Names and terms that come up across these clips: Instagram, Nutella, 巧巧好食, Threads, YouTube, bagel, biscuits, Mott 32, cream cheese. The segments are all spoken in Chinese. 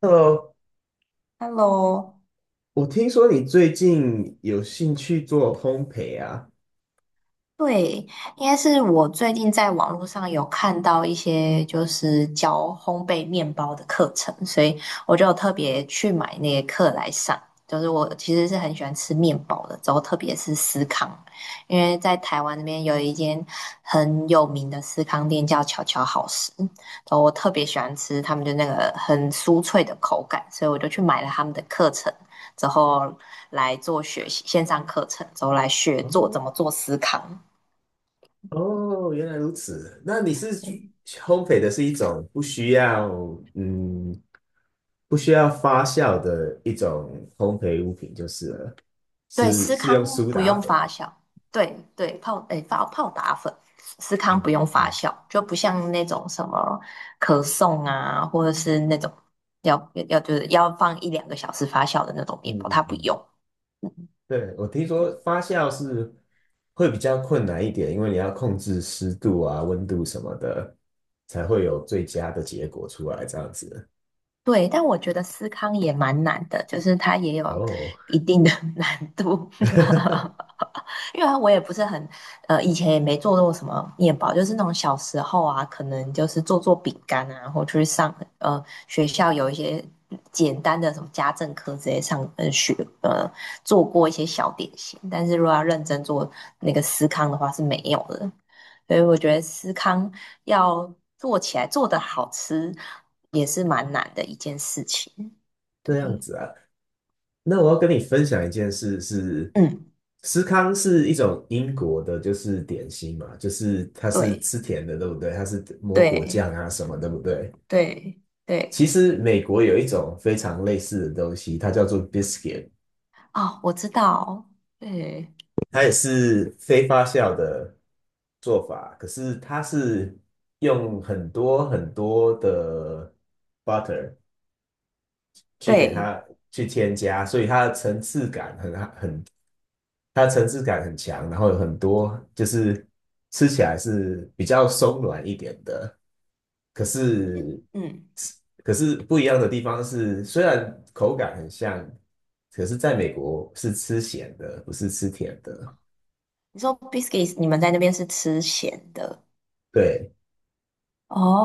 Hello，Hello，我听说你最近有兴趣做烘焙啊？对，应该是我最近在网络上有看到一些就是教烘焙面包的课程，所以我就有特别去买那些课来上。就是我其实是很喜欢吃面包的，之后特别是司康，因为在台湾那边有一间很有名的司康店叫巧巧好食，然后我特别喜欢吃他们的那个很酥脆的口感，所以我就去买了他们的课程，之后来做学习线上课程，之后来学做哦，怎么做司康。哦，原来如此。那你是对，烘焙的是一种嗯，不需要发酵的一种烘焙物品就是了，对，是司是用康苏不打用粉。发酵。对对，泡诶泡泡打粉，司康嗯不用发嗯酵，就不像那种什么可颂啊，或者是那种要就是要放一两个小时发酵的那种面嗯包，嗯它不嗯。用。嗯对，我听说发酵是会比较困难一点，因为你要控制湿度啊、温度什么的，才会有最佳的结果出来，这样子。对，对但我觉得思康也蛮难的，就是它也有哦。一定的 难度。因为我也不是很，以前也没做过什么面包，就是那种小时候啊，可能就是做做饼干啊，然后去上学校有一些简单的什么家政课之类上学呃做过一些小点心，但是如果要认真做那个司康的话是没有的，所以我觉得司康要做起来做的好吃也是蛮难的一件事情。这样对，子啊，那我要跟你分享一件事是，嗯，司康是一种英国的，就是点心嘛，就是它是对吃甜的，对不对？它是抹果对酱啊什么，对不对？对其对。实美国有一种非常类似的东西，它叫做 biscuit，哦，我知道，对它也是非发酵的做法，可是它是用很多很多的 butter 去给对，它去添加，所以它的层次感很强，然后有很多就是吃起来是比较松软一点的，可是嗯，可是不一样的地方是，虽然口感很像，可是在美国是吃咸的，不是吃甜的。你说 biscuits，你们在那边是吃咸的对，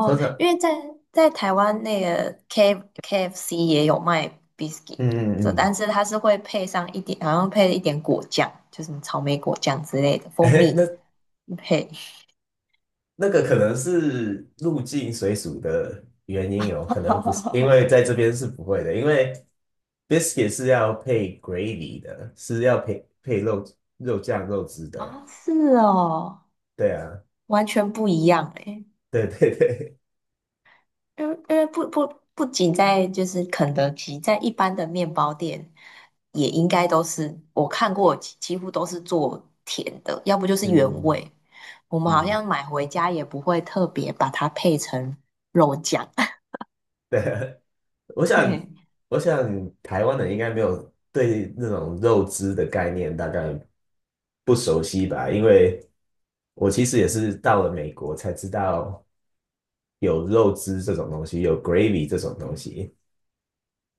通常因为在台湾那个 KFC 也有卖 biscuit，嗯嗯这嗯，但是它是会配上一点，好像配了一点果酱，就是什么草莓果酱之类的，蜂哎，那蜜配 那个可能是入境水属的原因哦，可能不是，因为在 这边是不会的，因为 biscuit 是要配 gravy 的，是要配配肉肉酱肉汁的。啊，是哦，对啊，完全不一样诶。对 对对，因为不仅在就是肯德基，在一般的面包店也应该都是我看过几乎都是做甜的，要不就是原嗯味。我们好嗯，像买回家也不会特别把它配成肉酱，对啊，我想对，我想台湾人应该没有对那种肉汁的概念大概不熟悉吧，因为我其实也是到了美国才知道有肉汁这种东西，有 gravy 这种东西。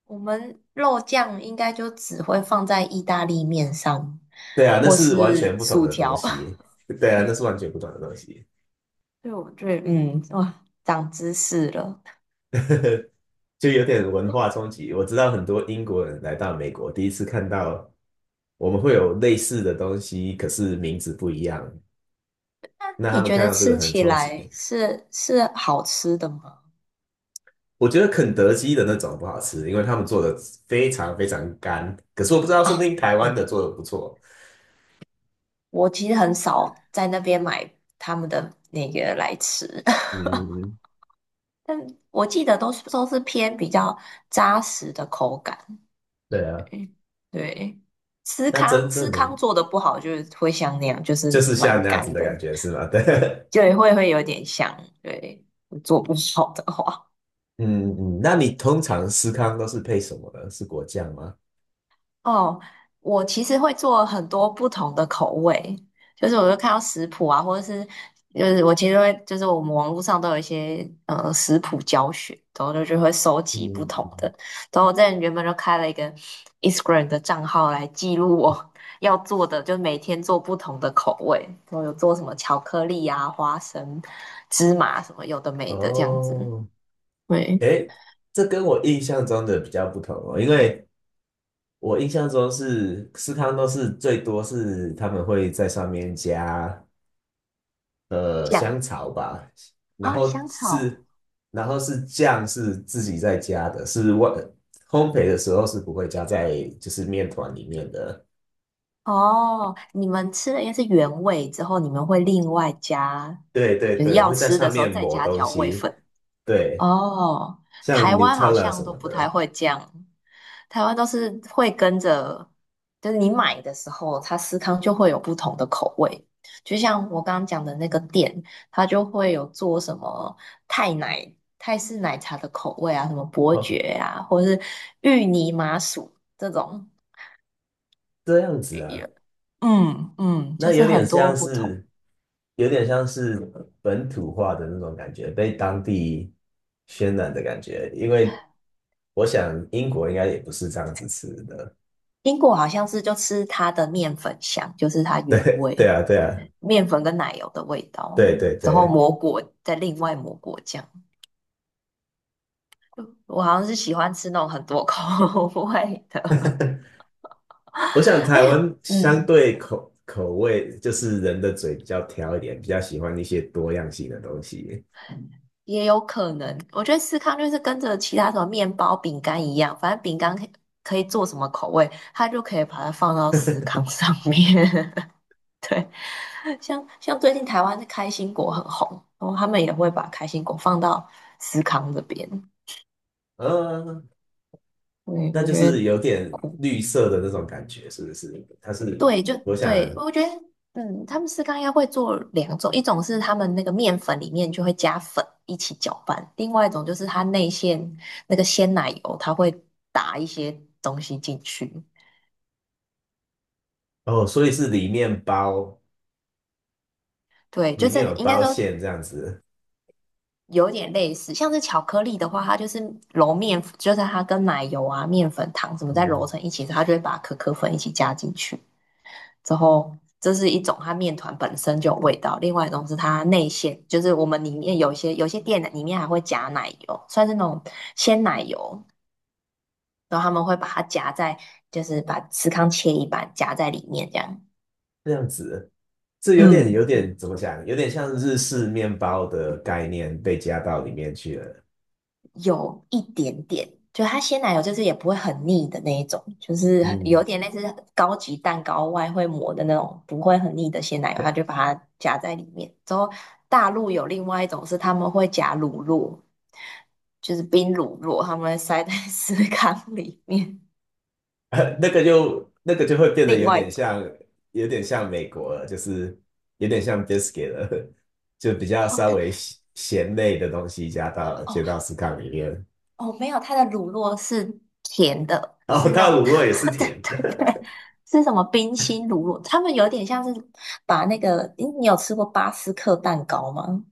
我们肉酱应该就只会放在意大利面上，对啊，那或是完全是不同薯的东条。西。对 啊，那对，是完全不同的东西，所以我觉得嗯，哇，长知识了。就有点文化 冲击。我知道很多英国人来到美国，第一次看到我们会有类似的东西，可是名字不一样，那他你们觉看得到这个吃很起冲来击。是好吃的吗？我觉得肯德基的那种不好吃，因为他们做的非常非常干。可是我不知道，说不啊，定台湾嗯，的做的不错。我其实很少在那边买他们的那个来吃，嗯，但我记得都是偏比较扎实的口感。对啊，对，对那真司正的康做的不好，就是会像那样，就就是是蛮像那样子干的感的，觉是吗？对。就会有点像，对，做不好的话。嗯嗯，那你通常司康都是配什么呢？是果酱吗？哦，我其实会做很多不同的口味，就是我就看到食谱啊，或者是就是我其实会就是我们网络上都有一些食谱教学，然后就会收集不同嗯，的。然后我在原本就开了一个 Instagram 的账号来记录我 要做的，就每天做不同的口味，然后有做什么巧克力啊、花生、芝麻什么有的没的这样子。哦，对，诶，这跟我印象中的比较不同哦，因为我印象中是司康都是最多是他们会在上面加呃香酱草吧，然哦，后香草。是然后是酱是自己在加的，是外烘焙的时候是不会加在就是面团里面的，哦，你们吃的应该是原味之后，你们会另外加，对对就是对，要会在吃上的时候面再抹加东调味西，粉。对。哦，像 台湾好 Nutella 什像都么不太的，会这样，台湾都是会跟着，就是你买的时候，它司康就会有不同的口味。就像我刚刚讲的那个店，它就会有做什么泰奶、泰式奶茶的口味啊，什么伯哦，爵啊，或者是芋泥麻薯这种。这样子啊，嗯嗯，那就是有点很多像不同。是，有点像是本土化的那种感觉，被当地渲染的感觉。因为我想英国应该也不是这样子吃的，英国好像是就吃它的面粉香，就是它原对，对味啊，对啊，面粉跟奶油的味道，对对然后对。抹果再另外抹果酱。我好像是喜欢吃那种很多口 味的，我想而台且湾相嗯，对口味，就是人的嘴比较挑一点，比较喜欢一些多样性的东西。也有可能，我觉得司康就是跟着其他什么面包、饼干一样，反正饼干可以做什么口味，它就可以把它放到司康上面。对，像最近台湾的开心果很红，然后他们也会把开心果放到思康这边。嗯，对，那我就觉是得有点酷。绿色的那种感觉，是不是？它是，对，就我想，对，我觉得嗯，他们司康应该会做两种，一种是他们那个面粉里面就会加粉一起搅拌，另外一种就是它内馅那个鲜奶油，它会打一些东西进去。哦，所以是里面包，对，里就面是有应该包说馅这样子，有点类似，像是巧克力的话，它就是揉面，就是它跟奶油啊、面粉、糖什么再揉嗯，成一起，它就会把可可粉一起加进去。之后，这是一种它面团本身就有味道，另外一种是它内馅，就是我们里面有些店里面还会夹奶油，算是那种鲜奶油，然后他们会把它夹在，就是把司康切一半夹在里面这样。这样子，这有点嗯有嗯。点怎么讲？有点像日式面包的概念被加到里面去了，有一点点，就它鲜奶油就是也不会很腻的那一种，就是有嗯，点类似高级蛋糕外会抹的那种，不会很腻的鲜奶油，它就把它夹在里面。之后大陆有另外一种是他们会夹乳酪，就是冰乳酪，他们会塞在 司康里面。那个就会变得另有外一点种像，有点像美国了，就是有点像 biscuit 了，就比较哦，稍但微咸咸类的东西加到了，加哦，到司康里面，哦，没有，它的乳酪是甜的，然后是那它的种，卤肉也是 对甜对对，是什么冰心乳酪？他们有点像是把那个，诶你有吃过巴斯克蛋糕吗？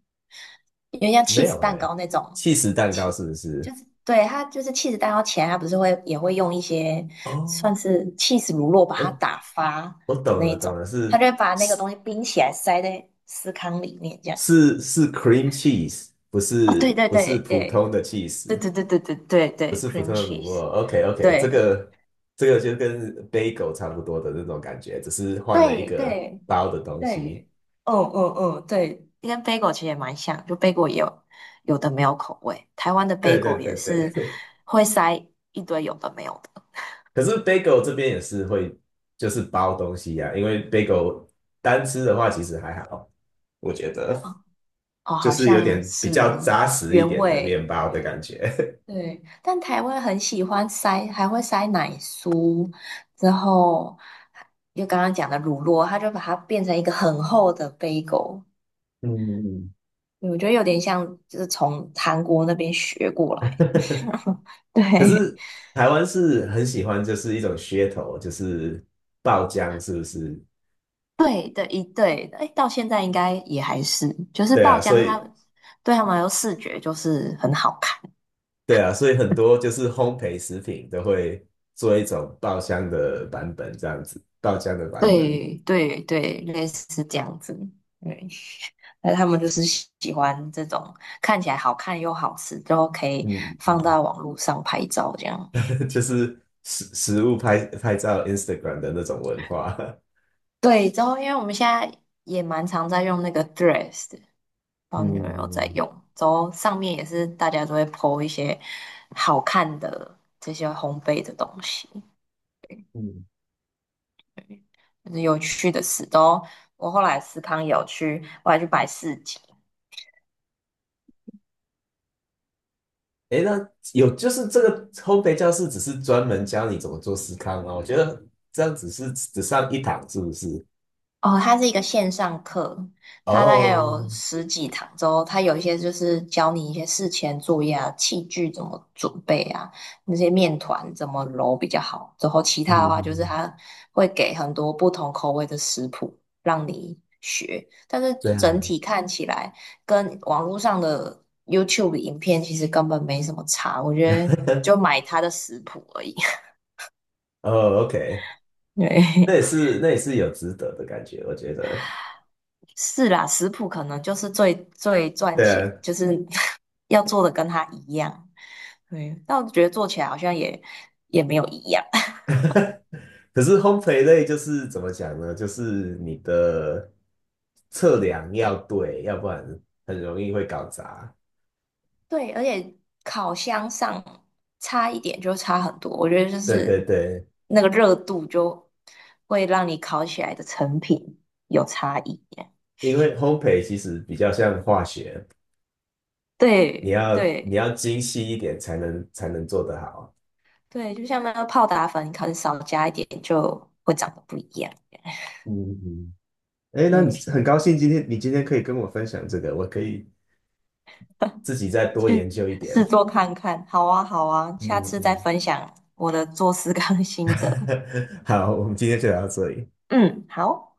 有点像 没 cheese 有蛋哎、糕那种起司蛋糕，che- 是不是？就是对它就是 cheese 蛋糕前，它不是会也会用一些哦，算是 cheese 乳酪把它我打发我的懂那了，一懂种，了，它是就会把那个东西冰起来塞在司康里面这样。是是 cream cheese，不哦，对是对不是对普对通的 对 cheese，对对对对对不对是普，cream 通的乳酪。cheese，OK OK，这对。个这个就跟 bagel 差不多的那种感觉，只是换了一对个对包的东西。对，嗯嗯嗯，对，跟 bagel 其实也蛮像，就 bagel 也有有的没有口味，台湾的 对对 bagel 也对是对。会塞一堆有的没有的，可是 bagel 这边也是会就是包东西呀、因为 bagel 单吃的话其实还好，我觉得哦，哦就好是有像点比较是扎实一原点的面味，包的感觉。对，但台湾很喜欢塞，还会塞奶酥，之后就刚刚讲的乳酪，它就把它变成一个很厚的 bagel，嗯嗯我觉得有点像就是从韩国那边学过来，嗯，可对。是台湾是很喜欢，就是一种噱头，就是爆浆，是不是？对的，对的，哎，到现在应该也还是，就是对爆啊，浆所它，以对他们来说视觉就是很好看，对啊，所以很多就是烘焙食品都会做一种爆浆的版本，这样子，爆浆的版本，对对对，类似这样子，对，那他们就是喜欢这种看起来好看又好吃，然后可以嗯放嗯，到网络上拍照这样。就是食物拍照 Instagram 的那种文化，对，然后因为我们现在也蛮常在用那个 Threads，的 不知道你们有没有在嗯用，然后上面也是大家都会 po 一些好看的这些烘焙的东西。嗯，就是有趣的事都。我后来思康有去，我还去摆市集。诶，那有就是这个烘焙教室只是专门教你怎么做司康吗？我觉得这样只是只上一堂，是不是？哦，它是一个线上课，它大概有哦，十几堂之后，它有一些就是教你一些事前作业啊，器具怎么准备啊，那些面团怎么揉比较好。之后其他的话就是嗯，它会给很多不同口味的食谱让你学，但是这样整的，体看起来跟网络上的 YouTube 影片其实根本没什么差，我觉得就 买它的食谱而已。哦，OK，那对，也是有值得的感觉，我觉得，是啦，食谱可能就是最最赚对钱，啊，就是 要做的跟他一样。对，但我觉得做起来好像也没有一样。可是烘焙类就是怎么讲呢？就是你的测量要对，要不然很容易会搞砸。对，而且烤箱上差一点就差很多，我觉得就对对是对，那个热度就会让你烤起来的成品有差异。因为烘焙其实比较像化学，你对要你对要精细一点才能做得好。对，就像那个泡打粉，你可能少加一点就会长得不一样。嗯嗯，哎，那你对，很高兴今天你今天可以跟我分享这个，我可以自己再多去研究一点。试做看看。好啊，好啊，嗯下次再嗯，分享我的做事刚心得。好，我们今天就聊到这里。嗯，好。